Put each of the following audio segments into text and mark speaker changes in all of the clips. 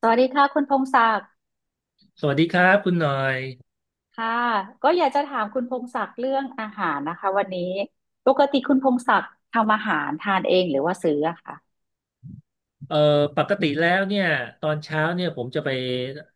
Speaker 1: สวัสดีค่ะคุณพงศักดิ์
Speaker 2: สวัสดีครับคุณหน่อย
Speaker 1: ค่ะก็อยากจะถามคุณพงศักดิ์เรื่องอาหารนะคะวันนี้ปกติคุณพงศักดิ์ทำอาหารทานเองหรือว่าซื้ออะค่ะ
Speaker 2: เอ่อปกติแล้วเนี่ยตอนเช้าเนี่ยผมจะไป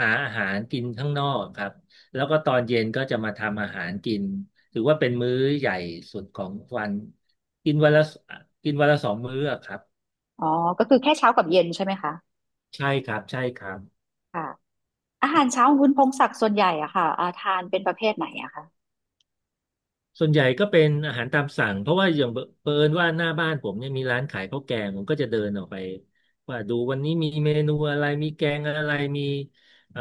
Speaker 2: หาอาหารกินข้างนอกครับแล้วก็ตอนเย็นก็จะมาทำอาหารกินถือว่าเป็นมื้อใหญ่สุดของวันกินวันละกินวันละ2 มื้ออะครับ
Speaker 1: อ๋อก็คือแค่เช้ากับเย็นใช่ไหมคะ
Speaker 2: ใช่ครับใช่ครับ
Speaker 1: ค่ะอาหารเช้าของคุณพงศักดิ์ส่วนใหญ่อะค่ะทานเป็นประเภทไหนอะคะ
Speaker 2: ส่วนใหญ่ก็เป็นอาหารตามสั่งเพราะว่าอย่างเผอิญว่าหน้าบ้านผมเนี่ยมีร้านขายข้าวแกงผมก็จะเดินออกไปว่าดูวันนี้มีเมนูอะไรมีแกงอะไรมีเอ่อ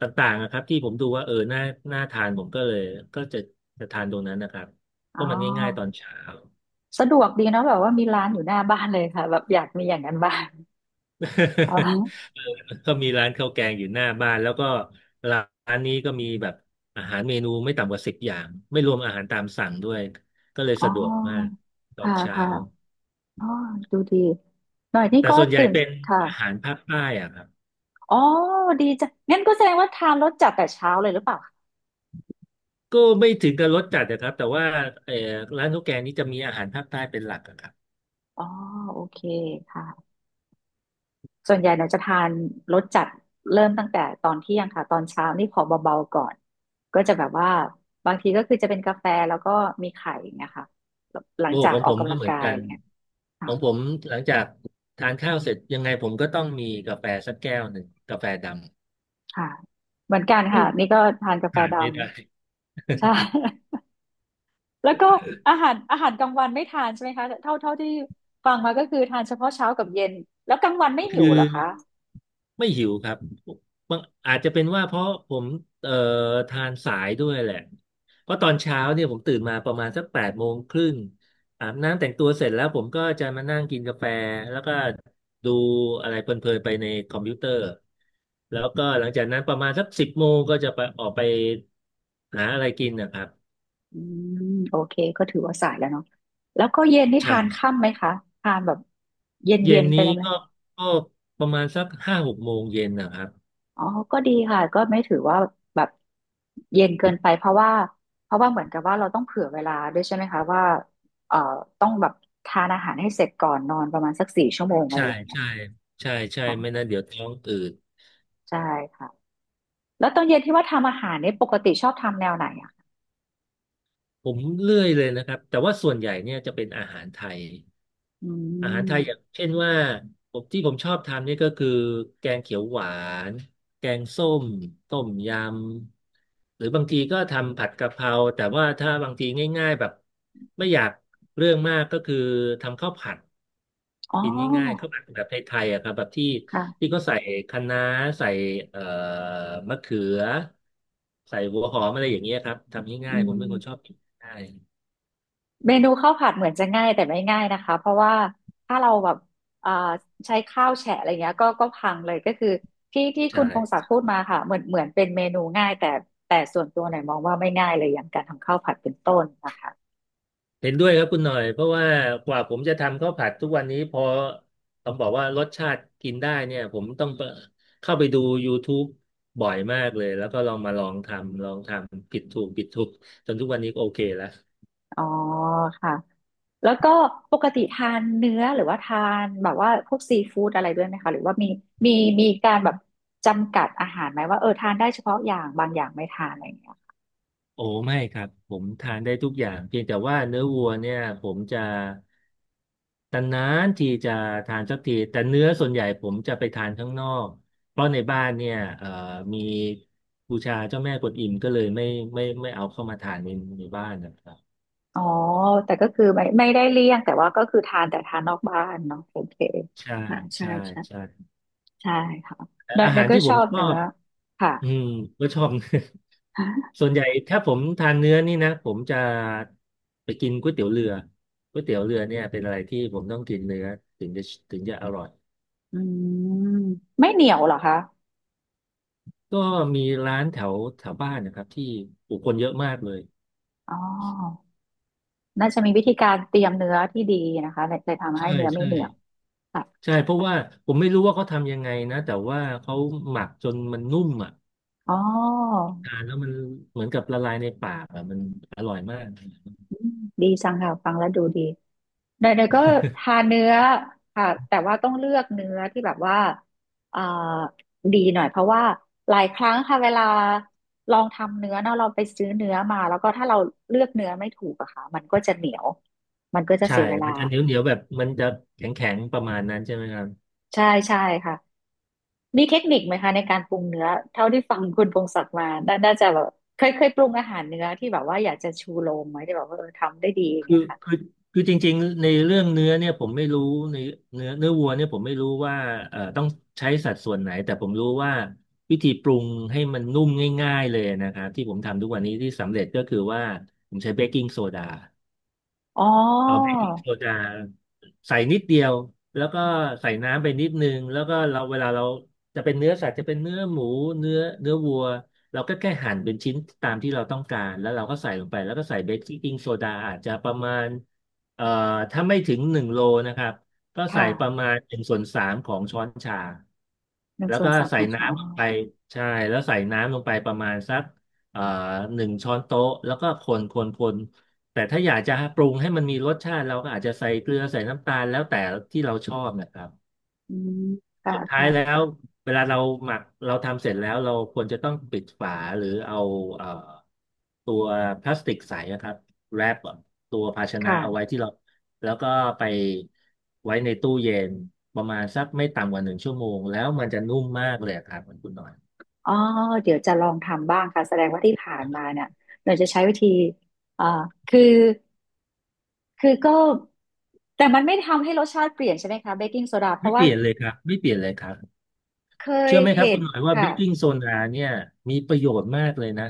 Speaker 2: ต่างๆนะครับที่ผมดูว่าเออน่าทานผมก็เลยก็จะทานตรงนั้นนะครับเพ
Speaker 1: อ๋อ
Speaker 2: ราะมันง่ายๆตอนเช้า
Speaker 1: สะดวกดีเนาะแบบว่ามีร้านอยู่หน้าบ้านเลยค่ะแบบอยากมีอย่างนั้นบ้างอ๋ อ
Speaker 2: เออก็มีร้านข้าวแกงอยู่หน้าบ้านแล้วก็ร้านนี้ก็มีแบบอาหารเมนูไม่ต่ำกว่า10 อย่างไม่รวมอาหารตามสั่งด้วยก็เลย
Speaker 1: อ๋
Speaker 2: สะดวกมาก
Speaker 1: อ
Speaker 2: ตอน
Speaker 1: ค่ะ
Speaker 2: เช้า
Speaker 1: ค่ะอ๋อดูดีหน่อยนี่
Speaker 2: แต่
Speaker 1: ก็
Speaker 2: ส่วนใหญ่
Speaker 1: ตื่น
Speaker 2: เป็น
Speaker 1: ค่ะ
Speaker 2: อาหารภาคใต้อะครับ
Speaker 1: อ๋อดีจ้ะงั้นก็แสดงว่าทานรสจัดแต่เช้าเลยหรือเปล่า
Speaker 2: ก็ไม่ถึงกับรสจัดนะครับแต่ว่าเออร้านข้าวแกงนี้จะมีอาหารภาคใต้เป็นหลักอะครับ
Speaker 1: อ๋อโอเคค่ะส่วนใหญ่เราจะทานรสจัดเริ่มตั้งแต่ตอนเที่ยงค่ะตอนเช้านี่ขอเบาๆก่อนก็จะแบบว่าบางทีก็คือจะเป็นกาแฟแล้วก็มีไข่อย่างเงี้ยค่ะหลัง
Speaker 2: โอ้
Speaker 1: จาก
Speaker 2: ของ
Speaker 1: อ
Speaker 2: ผ
Speaker 1: อก
Speaker 2: ม
Speaker 1: กำ
Speaker 2: ก็
Speaker 1: ลัง
Speaker 2: เหมือ
Speaker 1: กา
Speaker 2: น
Speaker 1: ย
Speaker 2: กั
Speaker 1: อะ
Speaker 2: น
Speaker 1: ไรเงี้ย
Speaker 2: ข
Speaker 1: ค่ะ
Speaker 2: องผมหลังจากทานข้าวเสร็จยังไงผมก็ต้องมีกาแฟสักแก้วหนึ่งกาแฟด
Speaker 1: ค่ะเหมือนกัน
Speaker 2: อ
Speaker 1: ค่ะนี่ก็ทานกา
Speaker 2: ำ
Speaker 1: แฟ
Speaker 2: ขาด
Speaker 1: ด
Speaker 2: ไม่ได้
Speaker 1: ำใช่ แล้วก็อาหารอาหารกลางวันไม่ทานใช่ไหมคะเท่าที่ฟังมาก็คือทานเฉพาะเช้ากับเย็นแล้วกลางวันไม่
Speaker 2: คื
Speaker 1: หิว
Speaker 2: อ
Speaker 1: เหรอคะ
Speaker 2: ไม่หิวครับบางอาจจะเป็นว่าเพราะผมเอ่อทานสายด้วยแหละเพราะตอนเช้าเนี่ยผมตื่นมาประมาณสัก8 โมงครึ่งอาบน้ำแต่งตัวเสร็จแล้วผมก็จะมานั่งกินกาแฟแล้วก็ดูอะไรเพลินๆไปในคอมพิวเตอร์แล้วก็หลังจากนั้นประมาณสัก10 โมงก็จะไปออกไปหาอะไรกินนะครับ
Speaker 1: อืมโอเคก็ถือว่าสายแล้วเนาะแล้วก็เย็นนี่
Speaker 2: ใช่
Speaker 1: ทานค่ำไหมคะทานแบบเย็น
Speaker 2: เย็
Speaker 1: เย็
Speaker 2: น
Speaker 1: นไป
Speaker 2: นี้
Speaker 1: เลยไหม
Speaker 2: ก็ประมาณสัก5-6 โมงเย็นนะครับ
Speaker 1: อ๋อก็ดีค่ะก็ไม่ถือว่าแบบเย็นเกินไปเพราะว่าเพราะว่าเหมือนกับว่าเราต้องเผื่อเวลาด้วยใช่ไหมคะว่าเอ่อต้องแบบทานอาหารให้เสร็จก่อนนอนประมาณสักสี่ชั่วโมงอะไร
Speaker 2: ใช่
Speaker 1: อย่างเงี้ย
Speaker 2: ใช่ใช่ใช่ไม่
Speaker 1: ค่ะ
Speaker 2: นั้นเดี๋ยวท้องอืด
Speaker 1: ใช่ค่ะแล้วตอนเย็นที่ว่าทำอาหารเนี่ยปกติชอบทำแนวไหนอะคะ
Speaker 2: ผมเลื่อยเลยนะครับแต่ว่าส่วนใหญ่เนี่ยจะเป็นอาหารไทย
Speaker 1: อื
Speaker 2: อาหารไทยอย่าง
Speaker 1: ม
Speaker 2: เช่นว่าที่ผมชอบทำนี่ก็คือแกงเขียวหวานแกงส้มต้มยำหรือบางทีก็ทำผัดกะเพราแต่ว่าถ้าบางทีง่ายๆแบบไม่อยากเรื่องมากก็คือทำข้าวผัด
Speaker 1: อ๋
Speaker 2: กินง่ายๆข้า
Speaker 1: อ
Speaker 2: วผัดแบบไทยๆอะครับแบบที่
Speaker 1: ค่ะ
Speaker 2: ที่เขาใส่คะน้าใส่เอ่อมะเขือใส่หัวหอมอะไรอย่างเงี้ยครับทำ
Speaker 1: อื
Speaker 2: ง่ายๆผมเป็นคนชอบ
Speaker 1: ม
Speaker 2: กินง่าย
Speaker 1: เมนูข้าวผัดเหมือนจะง่ายแต่ไม่ง่ายนะคะเพราะว่าถ้าเราแบบเอ่อใช้ข้าวแฉะอะไรเงี้ยก็ก็พังเลยก็คือที่
Speaker 2: ใช
Speaker 1: คุณพงศัก
Speaker 2: ่
Speaker 1: ดิ์พูดมาค่ะเหมือนเป็นเมนูง่ายแต่แต่ส่วนตัวหน่อยมองว่าไม่ง่ายเลยอย่างการทำข้าวผัดเป็นต้นนะคะ
Speaker 2: เห็นด้วยครับคุณหน่อยเพราะว่ากว่าผมจะทำข้าวผัดทุกวันนี้พอต้องบอกว่ารสชาติกินได้เนี่ยผมต้องไปเข้าไปดู YouTube บ่อยมากเลยแล้วก็ลองมาลองทำลองทำผิดถูกผิดถูกจนทุกวันนี้ก็โอเคแล้ว
Speaker 1: อ๋อค่ะแล้วก็ปกติทานเนื้อหรือว่าทานแบบว่าพวกซีฟู้ดอะไรด้วยไหมคะหรือว่ามีมีการแบบจำกัดอาหารไหมว่าเออทานได้เฉพาะอย่างบางอย่างไม่ทานอะไรอย่างเงี้ย
Speaker 2: โอ้ไม่ครับผมทานได้ทุกอย่างเพียงแต่ว่าเนื้อวัวเนี่ยผมจะตนานๆทีจะทานสักทีแต่เนื้อส่วนใหญ่ผมจะไปทานข้างนอกเพราะในบ้านเนี่ยมีบูชาเจ้าแม่กวนอิมก็เลยไม่เอาเข้ามาทานในบ้านนะครับ
Speaker 1: อ๋อแต่ก็คือไม่ได้เลี่ยงแต่ว่าก็คือทานแต่ทานนอกบ้านเนาะโอเค
Speaker 2: ใช่
Speaker 1: ค่ะใช่
Speaker 2: ใช่
Speaker 1: ใช่
Speaker 2: ใช่
Speaker 1: ใช่ค่ะ
Speaker 2: แต่
Speaker 1: เนย
Speaker 2: อา
Speaker 1: เน
Speaker 2: หา
Speaker 1: ย
Speaker 2: ร
Speaker 1: ก็
Speaker 2: ที่ผ
Speaker 1: ชอ
Speaker 2: ม
Speaker 1: บ
Speaker 2: ชอ
Speaker 1: เนื้อ
Speaker 2: บ
Speaker 1: ค่ะ
Speaker 2: อืมก็ชอบ
Speaker 1: ฮะ
Speaker 2: ส่วนใหญ่ถ้าผมทานเนื้อนี่นะผมจะไปกินก๋วยเตี๋ยวเรือก๋วยเตี๋ยวเรือเนี่ยเป็นอะไรที่ผมต้องกินเนื้อถึงจะถึงจะอร่อย
Speaker 1: อืมไม่เหนียวเหรอคะ
Speaker 2: ก็มีร้านแถวแถวบ้านนะครับที่ผู้คนเยอะมากเลย
Speaker 1: อ๋อน่าจะมีวิธีการเตรียมเนื้อที่ดีนะคะเลยทำให้
Speaker 2: ใช่
Speaker 1: เนื้อไม่
Speaker 2: ใช่
Speaker 1: เหนียวค่ะ
Speaker 2: ใช่เพราะว่าผมไม่รู้ว่าเขาทำยังไงนะแต่ว่าเขาหมักจนมันนุ่มอ่ะ
Speaker 1: อ๋อ
Speaker 2: ทานแล้วมันเหมือนกับละลายในปากอ่ะมันอร่อยมาก
Speaker 1: อืมดีจังค่ะฟังแล้วดูดีเนยก็ทานเนื้อค่ะแต่ว่าต้องเลือกเนื้อที่แบบว่าเอ่อดีหน่อยเพราะว่าหลายครั้งค่ะเวลาลองทำเนื้อเนาะเราไปซื้อเนื้อมาแล้วก็ถ้าเราเลือกเนื้อไม่ถูกอะค่ะมันก็จะเหนียวมันก็จะ
Speaker 2: ใช่
Speaker 1: เสียเวลา
Speaker 2: มันจะเหนียวเหนียวแบบมันจะแข็งแข็งประมาณนั้นใช่ไหมครับ
Speaker 1: ใช่ใช่ค่ะมีเทคนิคไหมคะในการปรุงเนื้อเท่าที่ฟังคุณพงศักดิ์มาน่าจะแบบเคยปรุงอาหารเนื้อที่แบบว่าอยากจะชูโรงไหมที่แบบว่าเออทำได้ดีอย่าง
Speaker 2: คือ
Speaker 1: เงี้ยค่ะ
Speaker 2: คือคือจริงๆในเรื่องเนื้อเนี่ยผมไม่รู้ในเนื้อวัวเนี่ยผมไม่รู้ว่าต้องใช้สัดส่วนไหนแต่ผมรู้ว่าวิธีปรุงให้มันนุ่มง่ายๆเลยนะครับที่ผมทำทุกวันนี้ที่สำเร็จก็คือว่าผมใช้เบกกิ้งโซดา
Speaker 1: อ๋อ
Speaker 2: เอาเบกกิ้งโซดาใส่นิดเดียวแล้วก็ใส่น้ำไปนิดนึงแล้วก็เราเวลาเราจะเป็นเนื้อสัตว์จะเป็นเนื้อหมูเนื้อวัวเราก็แค่หั่นเป็นชิ้นตามที่เราต้องการแล้วเราก็ใส่ลงไปแล้วก็ใส่เบกกิ้งโซดาอาจจะประมาณเอ่อถ้าไม่ถึง1 โลนะครับก็ใส่ประ
Speaker 1: ค่ะ
Speaker 2: มาณ1/3 ของช้อนชา
Speaker 1: หนึ่ง
Speaker 2: แล้ว
Speaker 1: ส่ว
Speaker 2: ก็
Speaker 1: นสามข
Speaker 2: ใส่
Speaker 1: องชอ
Speaker 2: น้ำลงไปใช่แล้วใส่น้ำลงไปประมาณสักเอ่อ1 ช้อนโต๊ะแล้วก็คนคนคน แต่ถ้าอยากจะปรุงให้มันมีรสชาติเราก็อาจจะใส่เกลือใส่น้ำตาลแล้วแต่ที่เราชอบนะครับ
Speaker 1: อืมค่ะ
Speaker 2: สุดท้าย
Speaker 1: ค่ะ
Speaker 2: แล้วเวลาเราหมักเราทำเสร็จแล้วเราควรจะต้องปิดฝาหรือเอาเอ่อตัวพลาสติกใสนะครับแรปตัวภาชนะเอาไว้
Speaker 1: ค่ะ
Speaker 2: ที่เราแล้วก็ไปไว้ในตู้เย็นประมาณสักไม่ต่ำกว่าหนึ่งชั่วโมงแล้วมันจะนุ่มมากเลยครับคุณหน่อย
Speaker 1: อ๋อเดี๋ยวจะลองทำบ้างค่ะ แสดงว่าที่ผ่านมาเนี่ยเราจะใช้วิธีอ่าคือคือก็ แต่มันไม่ทำให้รสชาติเปลี่ยนใช่ไหมคะเบกกิ้งโซดาเพ
Speaker 2: ไม่
Speaker 1: ราะ
Speaker 2: เป
Speaker 1: ว่า
Speaker 2: ลี่ยนเลยครับไม่เปลี่ยนเลยครับ
Speaker 1: เคย
Speaker 2: เชื่อไหมครับ
Speaker 1: เห็
Speaker 2: คุ
Speaker 1: น
Speaker 2: ณหน่อยว่าเบ
Speaker 1: ค่ะ
Speaker 2: กกิ้งโซดาเนี่ยมีประโยชน์มากเลยนะ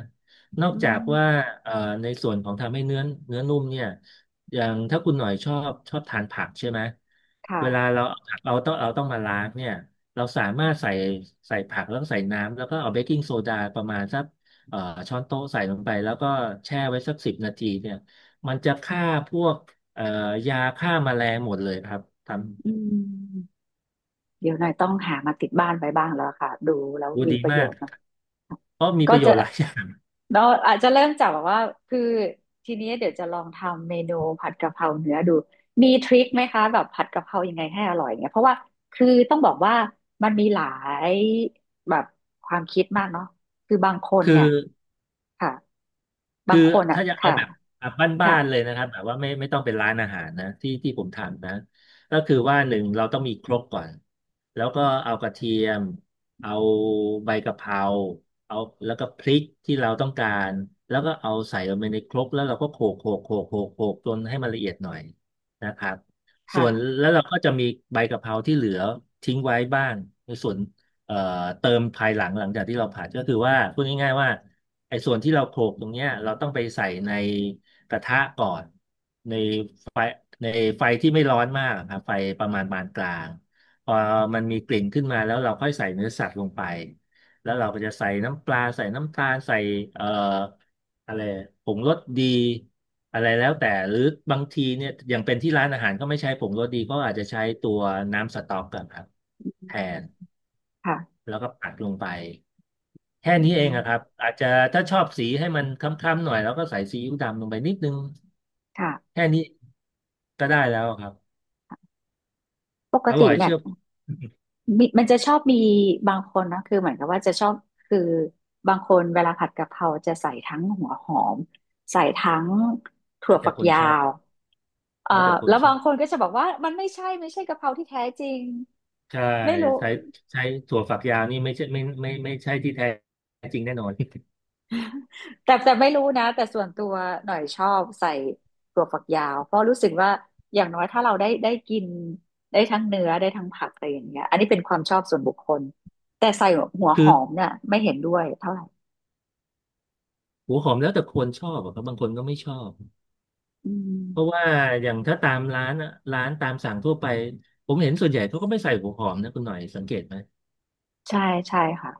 Speaker 2: นอ
Speaker 1: อื
Speaker 2: กจากว่า
Speaker 1: ม
Speaker 2: เอ่อในส่วนของทำให้เนื้อนุ่มเนี่ยอย่างถ้าคุณหน่อยชอบทานผักใช่ไหมเวลา
Speaker 1: ค่ะ
Speaker 2: เราเอาผักเราต้องมาล้างเนี่ยเราสามารถใส่ผักแล้วก็ใส่น้ำแล้วก็เอาเบกกิ้งโซดาประมาณสักเอ่อช้อนโต๊ะใส่ลงไปแล้วก็แช่ไว้สักสิบนาทีเนี่ยมันจะฆ่าพวกเอ่อยาฆ่าแมลงหมดเลยครับทำ
Speaker 1: อืม เดี๋ยวหน่อยต้องหามาติดบ้านไปบ้างแล้วค่ะดูแล้ว
Speaker 2: ดู
Speaker 1: มี
Speaker 2: ดี
Speaker 1: ประโย
Speaker 2: มาก
Speaker 1: ชน์เนาะ
Speaker 2: เพราะมีป
Speaker 1: ก็
Speaker 2: ระโย
Speaker 1: จะ
Speaker 2: ชน์หลายอย่าง
Speaker 1: เราอาจจะเริ่มจากแบบว่าคือทีนี้เดี๋ยวจะลองทำเมนูผัดกะเพราเนื้อดูมีทริคไหมคะแบบผัดกะเพรายังไงให้อร่อยเนี่ยเพราะว่าคือต้องบอกว่ามันมีหลายแบบความคิดมากเนาะคือบางคน
Speaker 2: คือ
Speaker 1: เนี่ยค่ะบา
Speaker 2: คือ
Speaker 1: งคนอ่ะ
Speaker 2: ถ้าจะเอา
Speaker 1: ค่ะ
Speaker 2: แบบแบบบ้า
Speaker 1: ค่ะ
Speaker 2: นๆเลยนะครับแบบว่าไม่ต้องเป็นร้านอาหารนะที่ผมทำนะก็คือว่าหนึ่งเราต้องมีครกก่อนแล้วก็เอากระเทียมเอาใบกะเพราเอาแล้วก็พริกที่เราต้องการแล้วก็เอาใส่ลงไปในครกแล้วเราก็โขกโขกโขกโขกโขกจนให้มันละเอียดหน่อยนะครับส่วน
Speaker 1: ค่ะ
Speaker 2: แล้วเราก็จะมีใบกะเพราที่เหลือทิ้งไว้บ้างในส่วนเอ่อเติมภายหลังจากที่เราผัดก็คือว่าพูดง่ายๆว่า ไอ้ส่วนที่เราโขลกตรงเนี้ยเราต้องไปใส่ในกระทะก่อนในไฟในไฟที่ไม่ร้อนมากครับไฟประมาณปานกลางพอมันมีกลิ่นขึ้นมาแล้วเราค่อยใส่เนื้อสัตว์ลงไปแล้วเราก็จะใส่น้ำปลาใส่น้ำตาลใส่เอ่ออะไรผงรสดีอะไรแล้วแต่หรือบางทีเนี่ยอย่างเป็นที่ร้านอาหารก็ไม่ใช้ผงรสดีก็อาจจะใช้ตัวน้ำสต๊อกกันครับแทน
Speaker 1: ค่ะ
Speaker 2: แล้วก็ปัดลงไป แค่
Speaker 1: อื
Speaker 2: นี้เอ
Speaker 1: ม
Speaker 2: งอะครับอาจจะถ้าชอบสีให้มันค้ำๆหน่อยแล้วก็ใส่ซีอิ๊วดำลงไปนิดนึง
Speaker 1: ค่ะ
Speaker 2: แค่นี้ก็ได้แล้วครับ
Speaker 1: ปก
Speaker 2: อร่
Speaker 1: ติ
Speaker 2: อย
Speaker 1: เนี่ย
Speaker 2: เชื่อผม
Speaker 1: มีมันจะชอบมีบางคนนะคือเหมือนกับว่าจะชอบคือบางคนเวลาผัดกะเพราจะใส่ทั้งหัวหอมใส่ทั้งถั่
Speaker 2: แล้
Speaker 1: ว
Speaker 2: วแต่
Speaker 1: ฝัก
Speaker 2: คน
Speaker 1: ยา
Speaker 2: ชอบ
Speaker 1: วเอ่อ
Speaker 2: แล้วแต่คน
Speaker 1: แล้ว
Speaker 2: ชอ
Speaker 1: บา
Speaker 2: บ
Speaker 1: งคนก็จะบอกว่ามันไม่ใช่กะเพราที่แท้จริง
Speaker 2: ใช่
Speaker 1: ไม่รู้
Speaker 2: ใช้ใช้ถั่วฝักยาวนี่ไม่ใช่ไม่ไม่ไม่ไม่ใช่ที่แท้จริงแน่นอน
Speaker 1: แต่แต่ไม่รู้นะแต่ส่วนตัวหน่อยชอบใส่ถั่วฝักยาวเพราะรู้สึกว่าอย่างน้อยถ้าเราได้กินได้ทั้งเนื้อได้ทั้งผักอะไรอย่างเงี้ยอันนี้เป็นความชอบส่วนบุคคลแต่ใส่หัว ห
Speaker 2: คือ
Speaker 1: อมเนี่ยไม่เห็นด้วยเท่าไหร่
Speaker 2: หัวหอมแล้วแต่คนชอบอะครับบางคนก็ไม่ชอบ
Speaker 1: อื
Speaker 2: เพราะ
Speaker 1: ม
Speaker 2: ว่าอย่างถ้าตามร้านอะร้านตามสั่งทั่วไปผมเห็นส่วนใหญ่เขาก็ไม่ใส่หัวหอมนะคุณหน่อยสังเกตไหม
Speaker 1: ใช่ใช่ค่ะ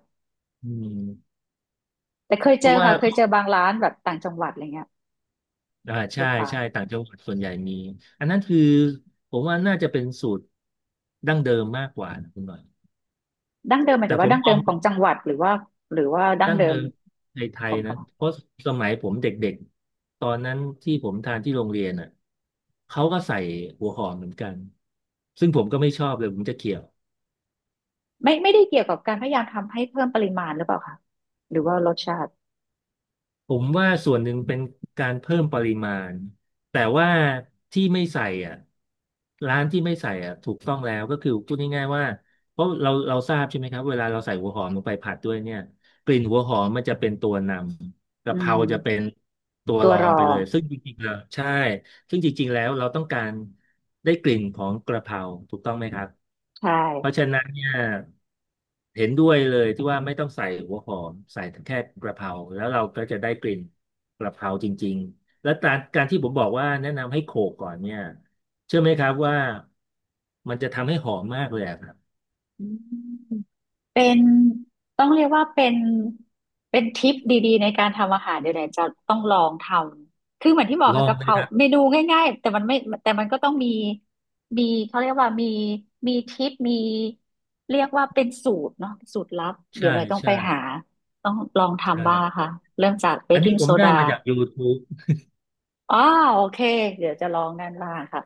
Speaker 2: อืม
Speaker 1: แต่เคย
Speaker 2: เพ
Speaker 1: เจ
Speaker 2: ราะ
Speaker 1: อ
Speaker 2: ว่า
Speaker 1: ค่ะเคยเจอบางร้านแบบต่างจังหวัดอะไรเงี้ยห
Speaker 2: ใช่
Speaker 1: รือเปล่า
Speaker 2: ใช่ต่างจังหวัดส่วนใหญ่มีอันนั้นคือผมว่าน่าจะเป็นสูตรดั้งเดิมมากกว่านะคุณหน่อย
Speaker 1: ดั้งเดิมหมาย
Speaker 2: แต่
Speaker 1: ถึง
Speaker 2: ผ
Speaker 1: ว่า
Speaker 2: ม
Speaker 1: ดั้ง
Speaker 2: ม
Speaker 1: เดิ
Speaker 2: อ
Speaker 1: ม
Speaker 2: ง
Speaker 1: ของจังหวัดหรือว่าดั้ง
Speaker 2: ดั้ง
Speaker 1: เดิ
Speaker 2: เดิ
Speaker 1: ม
Speaker 2: มในไท
Speaker 1: ข
Speaker 2: ย
Speaker 1: องก
Speaker 2: นะ
Speaker 1: ระเพาะ
Speaker 2: เพราะสมัยผมเด็กๆตอนนั้นที่ผมทานที่โรงเรียนอ่ะเขาก็ใส่หัวหอมเหมือนกันซึ่งผมก็ไม่ชอบเลยผมจะเกลียด
Speaker 1: ไม่ได้เกี่ยวกับการพยายามทำให้เพิ่มปริมาณหรือเปล่าคะหรือว่ารสชาติ
Speaker 2: ผมว่าส่วนหนึ่งเป็นการเพิ่มปริมาณแต่ว่าที่ไม่ใส่อ่ะร้านที่ไม่ใส่อ่ะถูกต้องแล้วก็คือพูดง่ายๆว่าเพราะเราทราบใช่ไหมครับเวลาเราใส่หัวหอมลงไปผัดด้วยเนี่ยกลิ่นหัวหอมมันจะเป็นตัวนำ
Speaker 1: อื
Speaker 2: กะเพราจะเป็น
Speaker 1: ม
Speaker 2: ตัว
Speaker 1: ตั
Speaker 2: ร
Speaker 1: ว
Speaker 2: อ
Speaker 1: ร
Speaker 2: ง
Speaker 1: อ
Speaker 2: ไปเลยซึ่งจริงๆแล้วใช่ซึ่งจริงๆแล้วเราต้องการได้กลิ่นของกระเพราถูกต้องไหมครับ
Speaker 1: ใช่
Speaker 2: เพราะฉะนั้นเนี่ย เห็นด้วยเลยที่ว่าไม่ต้องใส่หัวหอมใส่แค่กระเพราแล้วเราก็จะได้กลิ่นกระเพราจริงๆแล้วการที่ผมบอกว่าแนะนำให้โขลกก่อนเนี่ยเชื่อไหมครับว่ามันจะทำให้หอมมากเลยอะครับ
Speaker 1: อืม เป็นต้องเรียกว่าเป็นทริปดีๆในการทำอาหารเดี๋ยวไหนจะต้องลองทำคือเหมือนที่บอก
Speaker 2: ลอ
Speaker 1: ค่ะ
Speaker 2: ง
Speaker 1: กะ
Speaker 2: เล
Speaker 1: เพ
Speaker 2: ย
Speaker 1: รา
Speaker 2: ครั
Speaker 1: เม
Speaker 2: บ
Speaker 1: นูง่ายๆแต่มันไม่แต่มันก็ต้องมีมีเขาเรียกว่ามีมีทริปมีเรียกว่าเป็นสูตรเนาะสูตรลับเดี๋
Speaker 2: ใช่
Speaker 1: ยวหน่อยต้องไป
Speaker 2: ใช่
Speaker 1: หาต้องลองทำบ้าง
Speaker 2: ใช่
Speaker 1: ค่ะเริ่มจากเบ
Speaker 2: อั
Speaker 1: ก
Speaker 2: นนี้
Speaker 1: กิ้ง
Speaker 2: ผ
Speaker 1: โซ
Speaker 2: มได้
Speaker 1: ดา
Speaker 2: มาจาก YouTube
Speaker 1: อ้าวโอเคเดี๋ยวจะลองนั่นบ้างค่ะ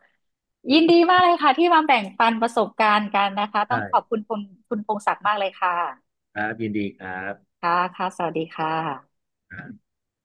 Speaker 1: ยินดีมากเลยค่ะที่มาแบ่งปันประสบการณ์กันนะคะต้องขอบ
Speaker 2: ใช่
Speaker 1: คุณคุณพงศักดิ์มากเลยค่ะ
Speaker 2: ครับยินดีครับ
Speaker 1: ค่ะ ค่ะ สวัสดีค่ะ